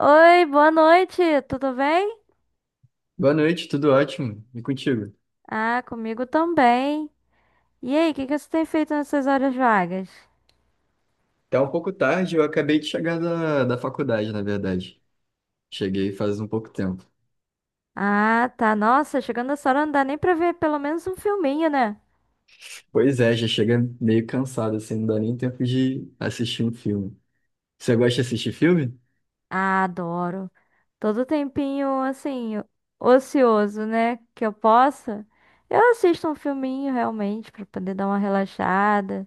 Oi, boa noite, tudo bem? Boa noite, tudo ótimo. E contigo? Ah, comigo também. E aí, o que que você tem feito nessas horas vagas? Tá um pouco tarde, eu acabei de chegar da faculdade, na verdade. Cheguei faz um pouco tempo. Ah, tá. Nossa, chegando essa hora não dá nem pra ver pelo menos um filminho, né? Pois é, já chega meio cansado, assim, não dá nem tempo de assistir um filme. Você gosta de assistir filme? Ah, adoro. Todo tempinho, assim, ocioso, né? Que eu possa. Eu assisto um filminho realmente pra poder dar uma relaxada.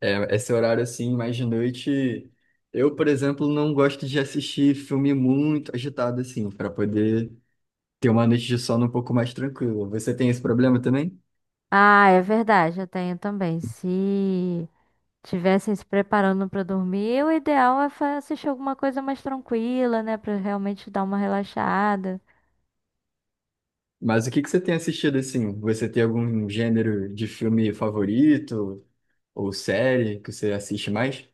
É, esse horário, assim, mais de noite. Eu, por exemplo, não gosto de assistir filme muito agitado, assim, para poder ter uma noite de sono um pouco mais tranquila. Você tem esse problema também? Ah, é verdade, eu tenho também. Se estivessem se preparando para dormir, o ideal é assistir alguma coisa mais tranquila, né, pra realmente dar uma relaxada. Mas o que que você tem assistido assim? Você tem algum gênero de filme favorito? Ou série que você assiste mais?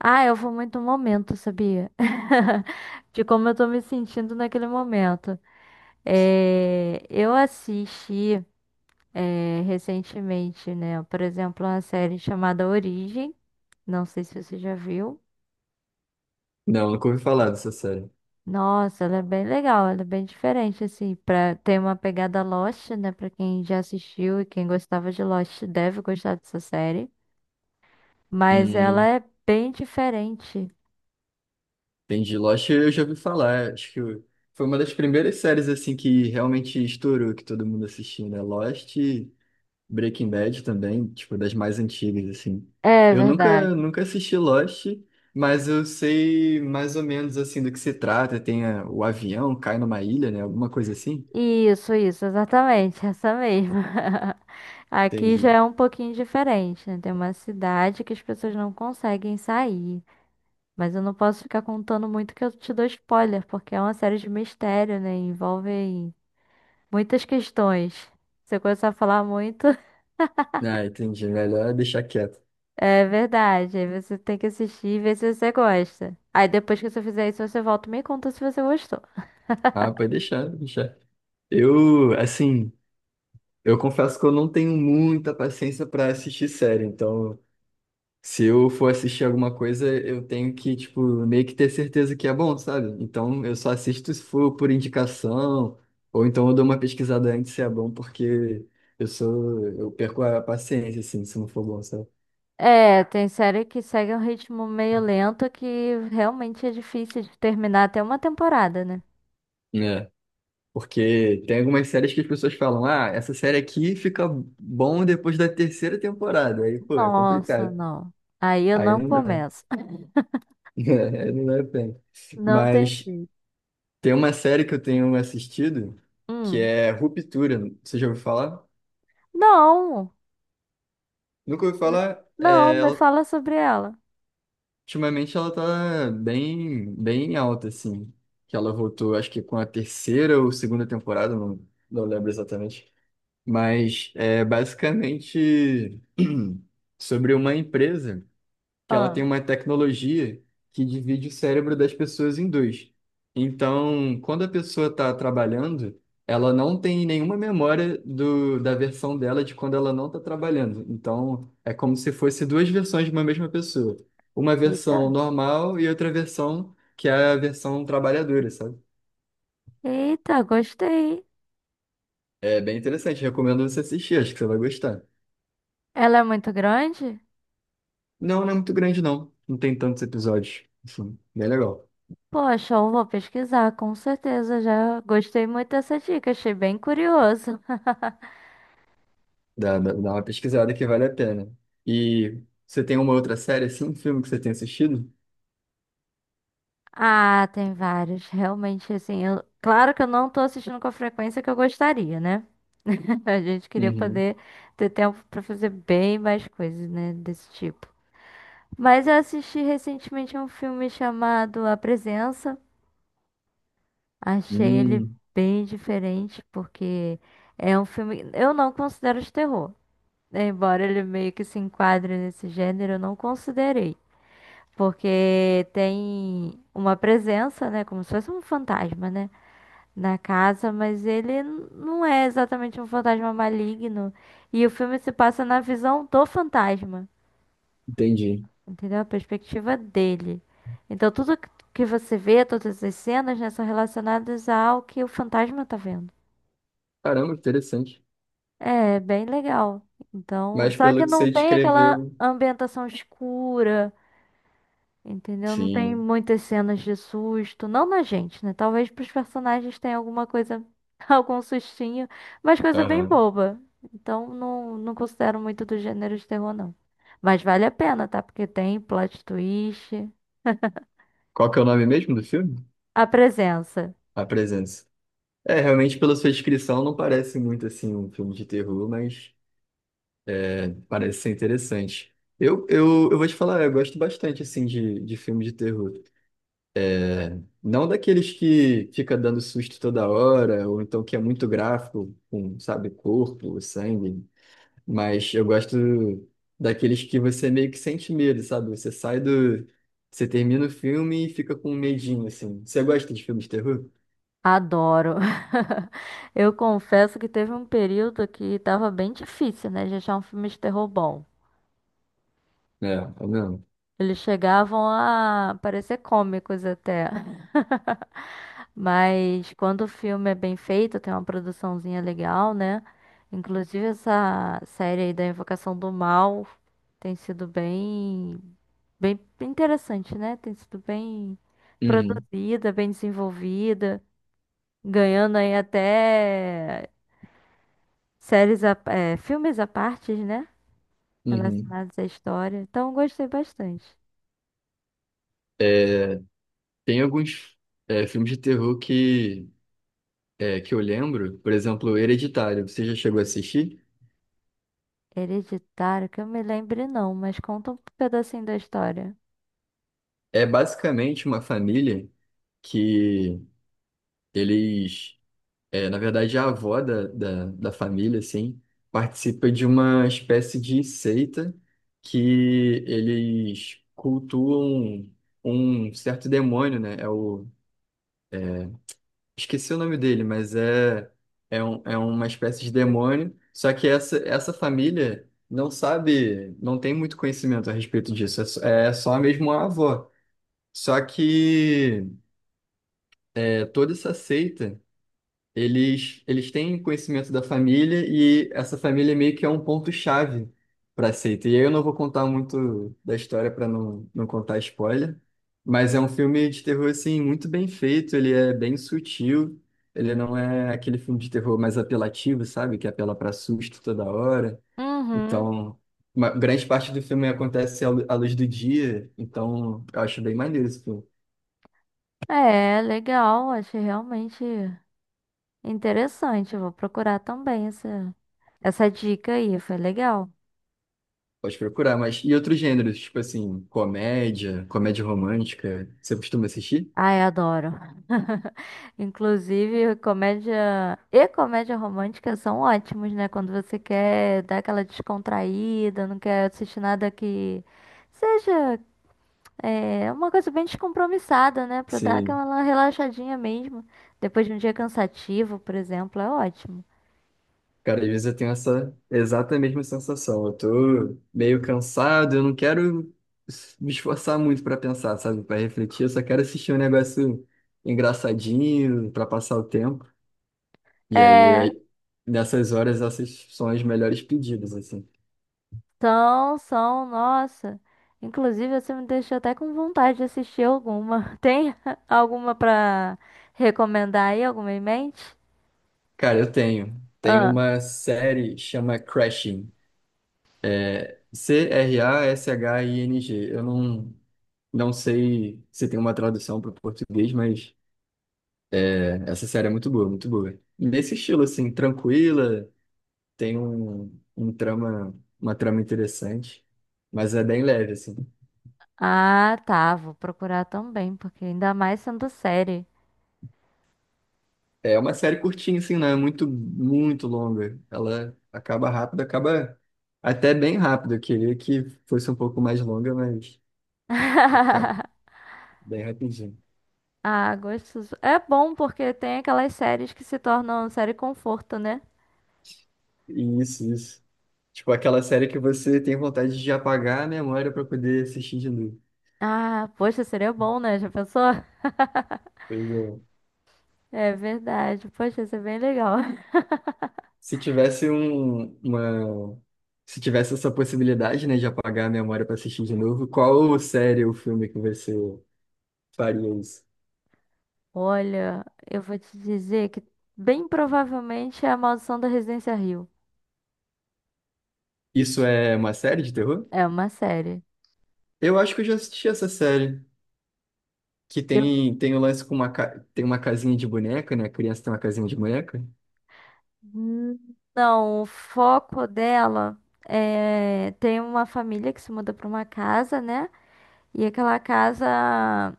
Ah, eu vou muito no momento, sabia? De como eu tô me sentindo naquele momento. Eu assisti recentemente, né, por exemplo, uma série chamada Origem. Não sei se você já viu. Não, nunca ouvi falar dessa série. Nossa, ela é bem legal, ela é bem diferente, assim, pra ter uma pegada Lost, né? Pra quem já assistiu e quem gostava de Lost deve gostar dessa série. Mas ela Hum, é bem diferente. entendi. Lost eu já ouvi falar. Acho que foi uma das primeiras séries assim que realmente estourou, que todo mundo assistiu, né? Lost e Breaking Bad também, tipo, das mais antigas, assim. É Eu verdade. nunca, nunca assisti Lost, mas eu sei mais ou menos assim do que se trata. Tem o avião, cai numa ilha, né? Alguma coisa assim. Isso, exatamente, essa mesma. Aqui já Entendi. é um pouquinho diferente, né? Tem uma cidade que as pessoas não conseguem sair. Mas eu não posso ficar contando muito que eu te dou spoiler, porque é uma série de mistério, né? Envolve muitas questões. Você começar a falar muito, Ah, entendi. Melhor deixar quieto. é verdade. Aí você tem que assistir e ver se você gosta. Aí depois que você fizer isso, você volta e me conta se você gostou. Ah, pode deixar, pode deixar. Eu, assim. Eu confesso que eu não tenho muita paciência pra assistir série, então se eu for assistir alguma coisa, eu tenho que, tipo, meio que ter certeza que é bom, sabe? Então eu só assisto se for por indicação, ou então eu dou uma pesquisada antes se é bom, porque eu perco a paciência, assim, se não for bom, sabe? É, tem série que segue um ritmo meio lento que realmente é difícil de terminar até uma temporada, né? É. Porque tem algumas séries que as pessoas falam, ah, essa série aqui fica bom depois da terceira temporada. Aí, pô, é Nossa, complicado. não. Aí eu Aí não não dá. começo. Aí não dá pena. Não tem Mas. jeito. Tem uma série que eu tenho assistido que Hum. é Ruptura. Você já ouviu falar? Não. Nunca ouvi Me- falar. Não, É, me ela- fala sobre ela. ultimamente ela tá bem alta, assim. Que ela voltou, acho que com a terceira ou segunda temporada, não lembro exatamente. Mas é basicamente sobre uma empresa que ela tem Ah. uma tecnologia que divide o cérebro das pessoas em dois. Então, quando a pessoa está trabalhando, ela não tem nenhuma memória da versão dela de quando ela não está trabalhando. Então, é como se fosse duas versões de uma mesma pessoa. Uma Eita. versão normal e outra versão que é a versão trabalhadora, sabe? Eita, gostei. É bem interessante, recomendo você assistir, acho que você vai gostar. Ela é muito grande? Não, não é muito grande, não. Não tem tantos episódios. Enfim, bem legal. Poxa, eu vou pesquisar, com certeza. Já gostei muito dessa dica, achei bem curioso. Dá uma pesquisada que vale a pena. E você tem uma outra série, assim, um filme que você tem assistido? Ah, tem vários. Realmente, assim, claro que eu não tô assistindo com a frequência que eu gostaria, né? A gente queria Uhum. poder ter tempo pra fazer bem mais coisas, né, desse tipo. Mas eu assisti recentemente um filme chamado A Presença. Achei ele Hum, bem diferente, porque é um filme. Eu não considero de terror. Embora ele meio que se enquadre nesse gênero, eu não considerei. Porque tem uma presença, né? Como se fosse um fantasma, né? Na casa, mas ele não é exatamente um fantasma maligno. E o filme se passa na visão do fantasma, entendi. entendeu? A perspectiva dele. Então, tudo que você vê, todas as cenas, né, são relacionadas ao que o fantasma tá vendo. Caramba, interessante. É, bem legal. Então, Mas só pelo que que não você tem aquela descreveu. ambientação escura. Entendeu? Não tem Sim. muitas cenas de susto, não na gente, né? Talvez pros personagens tenha alguma coisa, algum sustinho, mas coisa bem Aham. boba. Então não, não considero muito do gênero de terror, não. Mas vale a pena, tá? Porque tem plot twist. Qual que é o nome mesmo do filme? A presença. A Presença. É, realmente, pela sua descrição, não parece muito assim um filme de terror, mas parece ser interessante. Eu vou te falar, eu gosto bastante assim de filme de terror. Não daqueles que fica dando susto toda hora, ou então que é muito gráfico, com, sabe, corpo, sangue. Mas eu gosto daqueles que você meio que sente medo, sabe? Você sai do. Você termina o filme e fica com um medinho, assim. Você gosta de filmes de terror? Adoro. Eu confesso que teve um período que tava bem difícil, né, de achar um filme de terror bom. É, é mesmo. Eles chegavam a parecer cômicos até. Mas quando o filme é bem feito, tem uma produçãozinha legal, né? Inclusive essa série aí da Invocação do Mal tem sido bem, bem interessante, né? Tem sido bem Uhum, produzida, bem desenvolvida, ganhando aí até séries, filmes à parte, né? uhum. Relacionados à história. Então eu gostei bastante. É, tem alguns filmes de terror é, que eu lembro, por exemplo, Hereditário. Você já chegou a assistir? Hereditário, que eu me lembre não, mas conta um pedacinho da história. É basicamente uma família que eles é, na verdade, a avó da família, assim, participa de uma espécie de seita que eles cultuam um certo demônio, né? É o... Esqueci o nome dele, mas é uma espécie de demônio. Só que essa família não sabe, não tem muito conhecimento a respeito disso. É só mesmo a avó. Só que é, toda essa seita. Eles têm conhecimento da família e essa família meio que é um ponto-chave para a seita. E aí eu não vou contar muito da história para não contar spoiler, mas é um filme de terror assim muito bem feito, ele é bem sutil, ele não é aquele filme de terror mais apelativo, sabe? Que apela para susto toda hora. Uhum. Então, uma grande parte do filme acontece à luz do dia, então eu acho bem maneiro esse filme. É, legal, achei realmente interessante. Vou procurar também essa dica aí, foi legal. Pode procurar, mas e outros gêneros, tipo assim, comédia, comédia romântica, você costuma assistir? Ai, adoro. Inclusive, comédia e comédia romântica são ótimos, né? Quando você quer dar aquela descontraída, não quer assistir nada que seja uma coisa bem descompromissada, né? Pra dar Sim. aquela relaxadinha mesmo. Depois de um dia cansativo, por exemplo, é ótimo. Cara, às vezes eu tenho essa exata mesma sensação. Eu tô meio cansado, eu não quero me esforçar muito pra pensar, sabe? Pra refletir, eu só quero assistir um negócio engraçadinho pra passar o tempo. E aí, É. aí, nessas horas, essas são as melhores pedidas, assim. São, são, nossa. Inclusive, você me deixou até com vontade de assistir alguma. Tem alguma pra recomendar aí? Alguma em mente? Cara, eu tenho. Tem Ah, uma série chama Crashing. Crashing. Eu não, Não sei se tem uma tradução para o português, mas é, essa série é muito boa, muito boa. Nesse estilo, assim, tranquila, tem um trama, uma trama interessante, mas é bem leve, assim. ah, tá. Vou procurar também, porque ainda mais sendo série. É uma série curtinha, assim, não é muito longa. Ela acaba rápido, acaba até bem rápido. Eu queria que fosse um pouco mais longa, mas acaba bem rapidinho. Ah, gostoso. É bom porque tem aquelas séries que se tornam série conforto, né? Isso, isso. Tipo aquela série que você tem vontade de apagar a memória para poder assistir de novo. Ah, poxa, seria bom, né? Já pensou? Pois é. É verdade. Poxa, isso é bem legal. Se tivesse se tivesse essa possibilidade, né, de apagar a memória para assistir de novo, qual série ou filme que você faria isso? Olha, eu vou te dizer que bem provavelmente é A Maldição da Residência Rio. Isso é uma série de terror? É uma série. Eu acho que eu já assisti essa série, que Eu... tem o lance com uma tem uma casinha de boneca, né? A criança tem uma casinha de boneca. Hum, não, o foco dela é... Tem uma família que se muda para uma casa, né? E aquela casa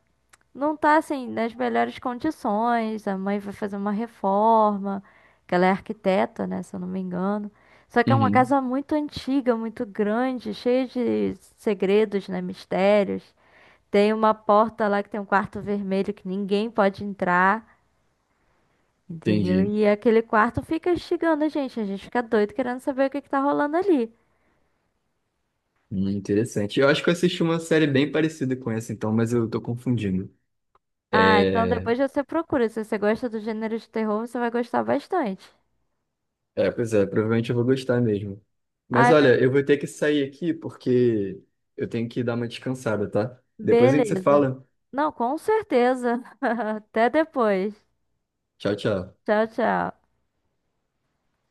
não tá, assim, nas melhores condições. A mãe vai fazer uma reforma, que ela é arquiteta, né? Se eu não me engano. Só que é uma Uhum, casa muito antiga, muito grande, cheia de segredos, né? Mistérios. Tem uma porta lá que tem um quarto vermelho que ninguém pode entrar, entendeu? entendi. E aquele quarto fica instigando a gente fica doido querendo saber o que que tá rolando ali. Interessante. Eu acho que eu assisti uma série bem parecida com essa, então, mas eu tô confundindo. Ah, então depois você procura. Se você gosta do gênero de terror, você vai gostar bastante. É, pois é, provavelmente eu vou gostar mesmo. Mas Ai, mas olha, eu vou ter que sair aqui porque eu tenho que dar uma descansada, tá? Depois a gente se beleza. fala. Não, com certeza. Até depois. Tchau, tchau. Tchau, tchau.